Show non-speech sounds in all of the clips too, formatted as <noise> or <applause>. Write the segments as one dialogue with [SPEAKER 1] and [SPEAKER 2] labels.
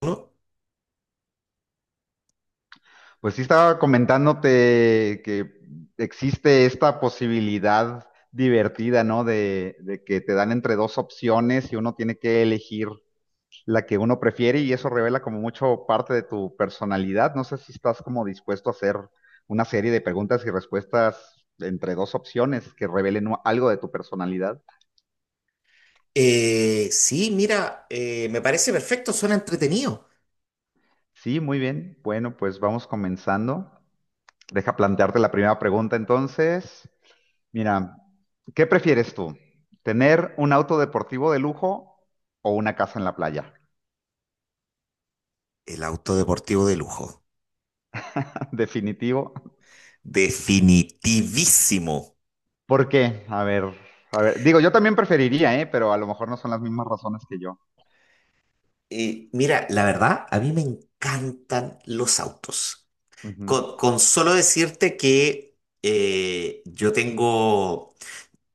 [SPEAKER 1] ¿No?
[SPEAKER 2] Pues sí estaba comentándote que existe esta posibilidad divertida, ¿no? De que te dan entre dos opciones y uno tiene que elegir la que uno prefiere y eso revela como mucho parte de tu personalidad. No sé si estás como dispuesto a hacer una serie de preguntas y respuestas entre dos opciones que revelen algo de tu personalidad.
[SPEAKER 1] Sí, mira, me parece perfecto, suena entretenido.
[SPEAKER 2] Sí, muy bien. Bueno, pues vamos comenzando. Deja plantearte la primera pregunta entonces. Mira, ¿qué prefieres tú? ¿Tener un auto deportivo de lujo o una casa en la playa?
[SPEAKER 1] El auto deportivo de lujo.
[SPEAKER 2] <laughs> Definitivo.
[SPEAKER 1] Definitivísimo.
[SPEAKER 2] ¿Por qué? A ver, a ver. Digo, yo también preferiría, ¿eh? Pero a lo mejor no son las mismas razones que yo.
[SPEAKER 1] Mira, la verdad, a mí me encantan los autos.
[SPEAKER 2] Ujú. <laughs>
[SPEAKER 1] Con solo decirte que eh, yo tengo,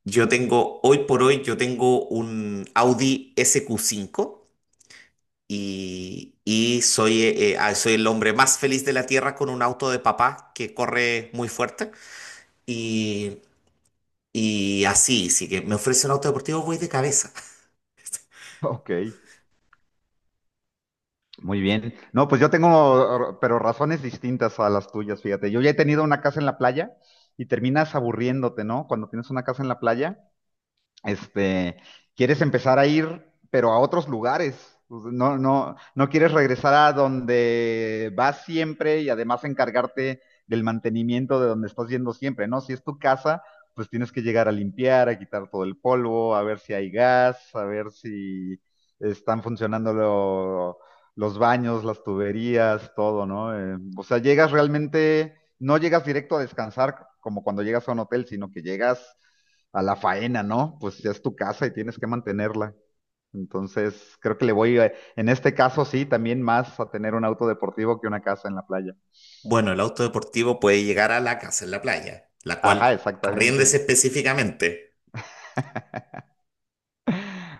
[SPEAKER 1] yo tengo, hoy por hoy, yo tengo un Audi SQ5 y soy el hombre más feliz de la tierra con un auto de papá que corre muy fuerte. Y, y así, si que me ofrece un auto deportivo, voy de cabeza.
[SPEAKER 2] Ok, muy bien. No, pues yo tengo, pero razones distintas a las tuyas, fíjate. Yo ya he tenido una casa en la playa y terminas aburriéndote, ¿no? Cuando tienes una casa en la playa, este, quieres empezar a ir, pero a otros lugares. No, no, no quieres regresar a donde vas siempre y además encargarte del mantenimiento de donde estás yendo siempre, ¿no? Si es tu casa, pues tienes que llegar a limpiar, a quitar todo el polvo, a ver si hay gas, a ver si están funcionando los baños, las tuberías, todo, ¿no? O sea, llegas realmente no llegas directo a descansar como cuando llegas a un hotel, sino que llegas a la faena, ¿no? Pues ya es tu casa y tienes que mantenerla. Entonces, creo que le voy, en este caso sí, también más a tener un auto deportivo que una casa en la playa.
[SPEAKER 1] Bueno, el auto deportivo puede llegar a la casa en la playa, la cual
[SPEAKER 2] Ajá,
[SPEAKER 1] arriéndese
[SPEAKER 2] exactamente.
[SPEAKER 1] específicamente.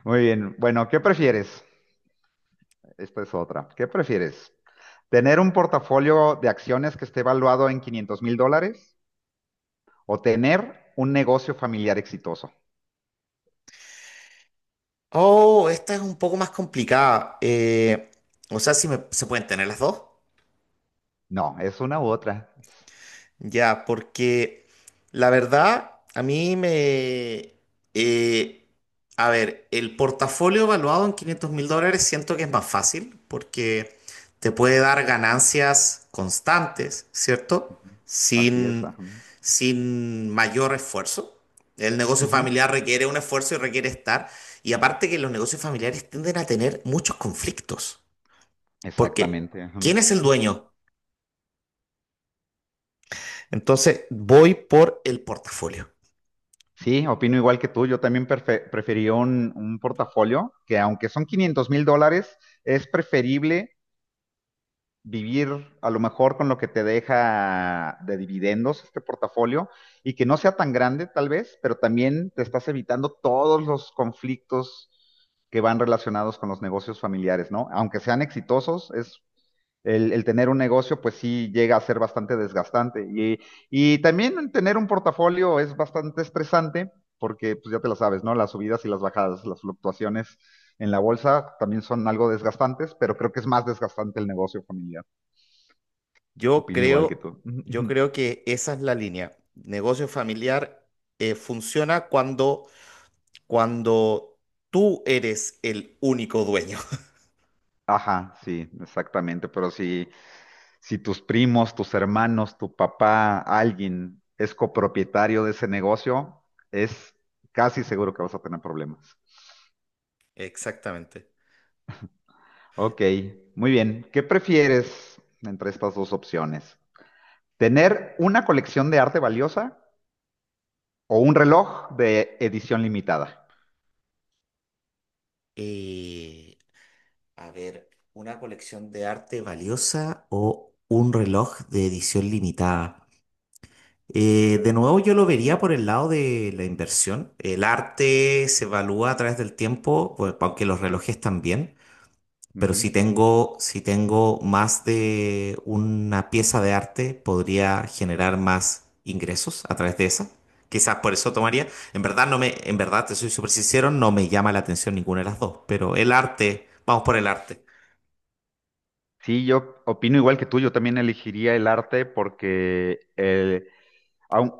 [SPEAKER 2] Muy bien. Bueno, ¿qué prefieres? Esta es otra. ¿Qué prefieres? ¿Tener un portafolio de acciones que esté valuado en 500 mil dólares o tener un negocio familiar exitoso?
[SPEAKER 1] Oh, esta es un poco más complicada. O sea, si me- se pueden tener las dos.
[SPEAKER 2] No, es una u otra.
[SPEAKER 1] Ya, porque la verdad, a mí me. eh, a ver, el portafolio evaluado en 500.000 dólares siento que es más fácil porque te puede dar ganancias constantes, ¿cierto?
[SPEAKER 2] Ujú. Así es.
[SPEAKER 1] Sin,
[SPEAKER 2] Ajá.
[SPEAKER 1] sin mayor esfuerzo. El negocio
[SPEAKER 2] Ujú.
[SPEAKER 1] familiar requiere un esfuerzo y requiere estar. Y aparte que los negocios familiares tienden a tener muchos conflictos, porque
[SPEAKER 2] Exactamente. Ajá.
[SPEAKER 1] ¿quién es el dueño? Entonces, voy por el portafolio.
[SPEAKER 2] Sí, opino igual que tú. Yo también preferiría un portafolio que aunque son 500 mil dólares, es preferible vivir a lo mejor con lo que te deja de dividendos este portafolio y que no sea tan grande tal vez, pero también te estás evitando todos los conflictos que van relacionados con los negocios familiares, ¿no? Aunque sean exitosos, es el tener un negocio pues sí llega a ser bastante desgastante y también tener un portafolio es bastante estresante porque pues ya te lo sabes, ¿no? Las subidas y las bajadas, las fluctuaciones en la bolsa también son algo desgastantes, pero creo que es más desgastante el negocio familiar.
[SPEAKER 1] Yo
[SPEAKER 2] Opino igual que
[SPEAKER 1] creo,
[SPEAKER 2] tú.
[SPEAKER 1] yo
[SPEAKER 2] <laughs>
[SPEAKER 1] creo que esa es la línea. Negocio familiar funciona cuando tú eres el único dueño. <laughs>
[SPEAKER 2] Ajá, sí, exactamente. Pero si tus primos, tus hermanos, tu papá, alguien es copropietario de ese negocio, es casi seguro que vas a tener problemas.
[SPEAKER 1] Exactamente.
[SPEAKER 2] Ok, muy bien. ¿Qué prefieres entre estas dos opciones? ¿Tener una colección de arte valiosa o un reloj de edición limitada?
[SPEAKER 1] Eh, a ver, ¿una colección de arte valiosa o un reloj de edición limitada? De nuevo, yo lo vería por el lado de la inversión. El arte se evalúa a través del tiempo, pues, aunque los relojes también. Pero
[SPEAKER 2] Ujú.
[SPEAKER 1] si tengo más de una pieza de arte, podría generar más ingresos a través de esa. Quizás por eso tomaría. En verdad te soy súper sincero, no me llama la atención ninguna de las dos, pero el arte, vamos por el arte.
[SPEAKER 2] Sí, yo opino igual que tú. Yo también elegiría el arte aun-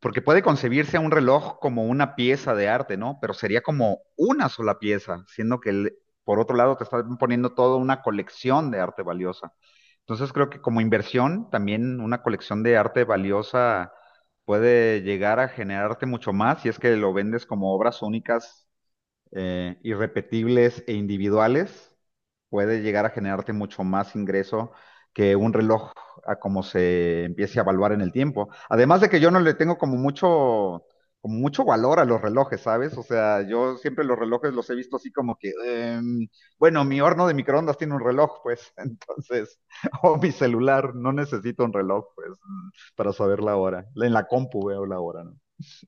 [SPEAKER 2] porque puede concebirse a un reloj como una pieza de arte, ¿no? Pero sería como una sola pieza, siendo que por otro lado te están poniendo toda una colección de arte valiosa. Entonces creo que como inversión, también una colección de arte valiosa puede llegar a generarte mucho más si es que lo vendes como obras únicas, irrepetibles e individuales, puede llegar a generarte mucho más ingreso que un reloj a como se empiece a evaluar en el tiempo. Además de que yo no le tengo como mucho valor a los relojes, ¿sabes? O sea, yo siempre los relojes los he visto así como que, bueno, mi horno de microondas tiene un reloj, pues, <laughs> entonces, o mi celular, no necesito un reloj, pues, para saber la hora. En la compu veo la hora, ¿no?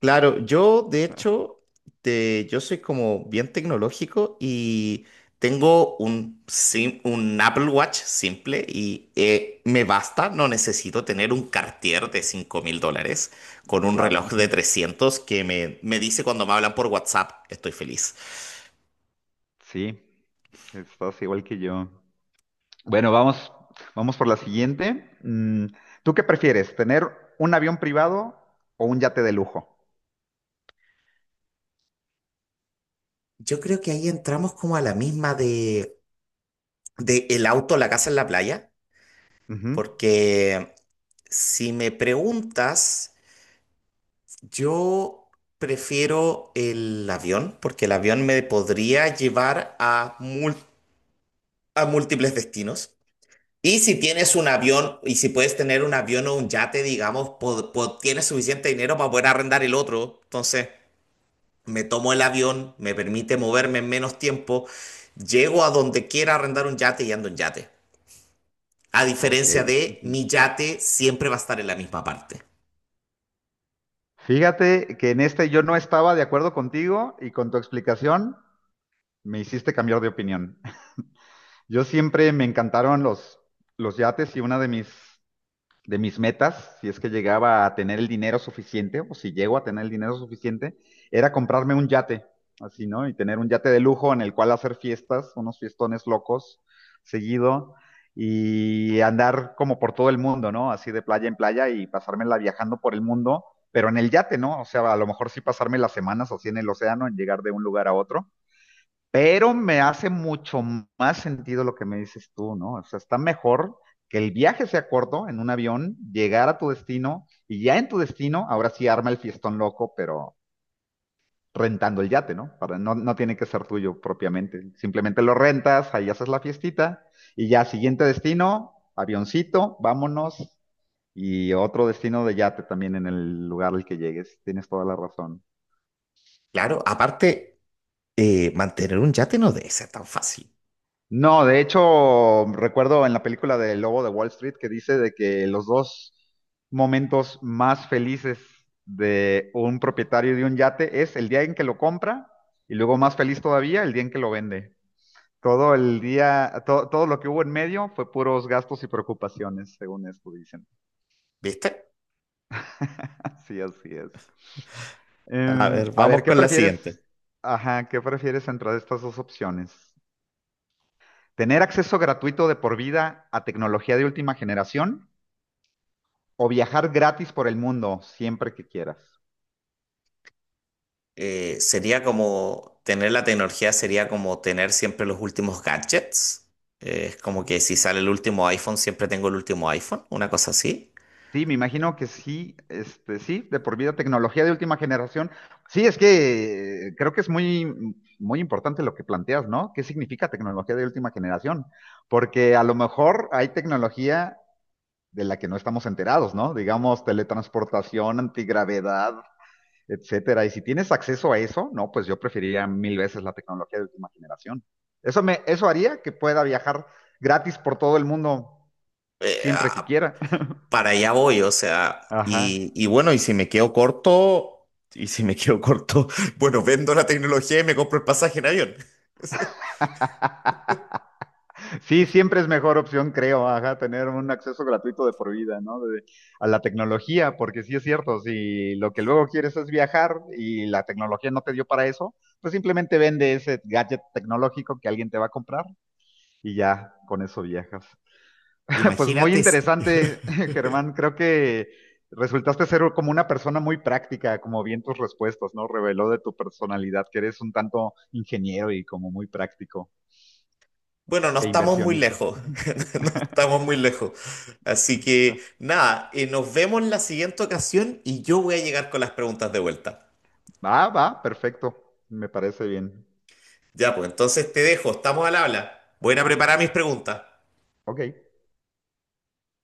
[SPEAKER 1] Claro, yo de hecho, yo soy como bien tecnológico y tengo un Apple Watch simple y me basta, no necesito tener un Cartier de 5.000 dólares
[SPEAKER 2] Ah,
[SPEAKER 1] con un
[SPEAKER 2] claro,
[SPEAKER 1] reloj de
[SPEAKER 2] <laughs>
[SPEAKER 1] 300 que me dice cuando me hablan por WhatsApp, estoy feliz.
[SPEAKER 2] sí, estás igual que yo. Bueno, vamos, vamos por la siguiente. ¿Tú qué prefieres, tener un avión privado o un yate de lujo?
[SPEAKER 1] Yo creo que ahí entramos como a la misma de el auto, la casa en la playa,
[SPEAKER 2] Ujú.
[SPEAKER 1] porque si me preguntas. Yo prefiero el avión porque el avión me podría llevar a múltiples destinos. Y si tienes un avión y si puedes tener un avión o un yate, digamos, tienes suficiente dinero para poder arrendar el otro. Entonces, me tomo el avión, me permite moverme en menos tiempo, llego a donde quiera arrendar un yate y ando en yate. A
[SPEAKER 2] Ok.
[SPEAKER 1] diferencia de
[SPEAKER 2] Ujú.
[SPEAKER 1] mi yate siempre va a estar en la misma parte.
[SPEAKER 2] Fíjate que en este yo no estaba de acuerdo contigo y con tu explicación me hiciste cambiar de opinión. <laughs> Yo siempre me encantaron los yates y una de mis metas, si es que llegaba a tener el dinero suficiente, o si llego a tener el dinero suficiente, era comprarme un yate, así, ¿no? Y tener un yate de lujo en el cual hacer fiestas, unos fiestones locos, seguido, y andar como por todo el mundo, ¿no? Así de playa en playa y pasármela viajando por el mundo, pero en el yate, ¿no? O sea, a lo mejor sí pasarme las semanas así en el océano, en llegar de un lugar a otro, pero me hace mucho más sentido lo que me dices tú, ¿no? O sea, está mejor que el viaje sea corto en un avión, llegar a tu destino y ya en tu destino, ahora sí arma el fiestón loco, pero rentando el yate, ¿no? Para, no, no tiene que ser tuyo propiamente. Simplemente lo rentas, ahí haces la fiestita y ya siguiente destino, avioncito, vámonos y otro destino de yate también en el lugar al que llegues. Tienes toda la razón.
[SPEAKER 1] Claro, aparte, mantener un yate no debe ser tan fácil.
[SPEAKER 2] No, de hecho, recuerdo en la película de Lobo de Wall Street que dice de que los dos momentos más felices de un propietario de un yate es el día en que lo compra y luego más feliz todavía el día en que lo vende. Todo el día, todo lo que hubo en medio fue puros gastos y preocupaciones, según esto dicen.
[SPEAKER 1] ¿Viste?
[SPEAKER 2] <laughs> Así, así es.
[SPEAKER 1] A ver,
[SPEAKER 2] A ver,
[SPEAKER 1] vamos
[SPEAKER 2] ¿qué
[SPEAKER 1] con la siguiente.
[SPEAKER 2] prefieres? Ajá, ¿qué prefieres entre estas dos opciones? Tener acceso gratuito de por vida a tecnología de última generación o viajar gratis por el mundo siempre que quieras.
[SPEAKER 1] Sería como tener la tecnología, sería como tener siempre los últimos gadgets. Es como que si sale el último iPhone, siempre tengo el último iPhone, una cosa así.
[SPEAKER 2] Sí, me imagino que sí, este, sí, de por vida tecnología de última generación. Sí, es que creo que es muy, muy importante lo que planteas, ¿no? ¿Qué significa tecnología de última generación? Porque a lo mejor hay tecnología de la que no estamos enterados, ¿no? Digamos, teletransportación, antigravedad, etcétera. Y si tienes acceso a eso, no, pues yo preferiría mil veces la tecnología de última generación. Eso me, eso haría que pueda viajar gratis por todo el mundo
[SPEAKER 1] Eh,
[SPEAKER 2] siempre que
[SPEAKER 1] ah,
[SPEAKER 2] quiera. <laughs>
[SPEAKER 1] para allá voy, o sea,
[SPEAKER 2] Ajá.
[SPEAKER 1] y bueno, y si me quedo corto, <laughs> bueno, vendo la tecnología y me compro el pasaje en avión. <laughs>
[SPEAKER 2] <laughs> Sí, siempre es mejor opción, creo, ajá, tener un acceso gratuito de por vida, ¿no? A la tecnología, porque sí es cierto, si lo que luego quieres es viajar y la tecnología no te dio para eso, pues simplemente vende ese gadget tecnológico que alguien te va a comprar y ya con eso viajas. <laughs> Pues muy
[SPEAKER 1] imagínate, s-
[SPEAKER 2] interesante, <laughs> Germán. Creo que resultaste ser como una persona muy práctica, como bien tus respuestas, ¿no? Reveló de tu personalidad que eres un tanto ingeniero y como muy práctico
[SPEAKER 1] bueno, no
[SPEAKER 2] e
[SPEAKER 1] estamos muy
[SPEAKER 2] inversionista.
[SPEAKER 1] lejos,
[SPEAKER 2] <laughs>
[SPEAKER 1] <laughs> no estamos muy lejos. Así que nada, nos vemos en la siguiente ocasión y yo voy a llegar con las preguntas de vuelta.
[SPEAKER 2] Va, va, perfecto. Me parece bien.
[SPEAKER 1] Ya, pues entonces te dejo, estamos al habla. Voy a ir a preparar mis preguntas.
[SPEAKER 2] Ok.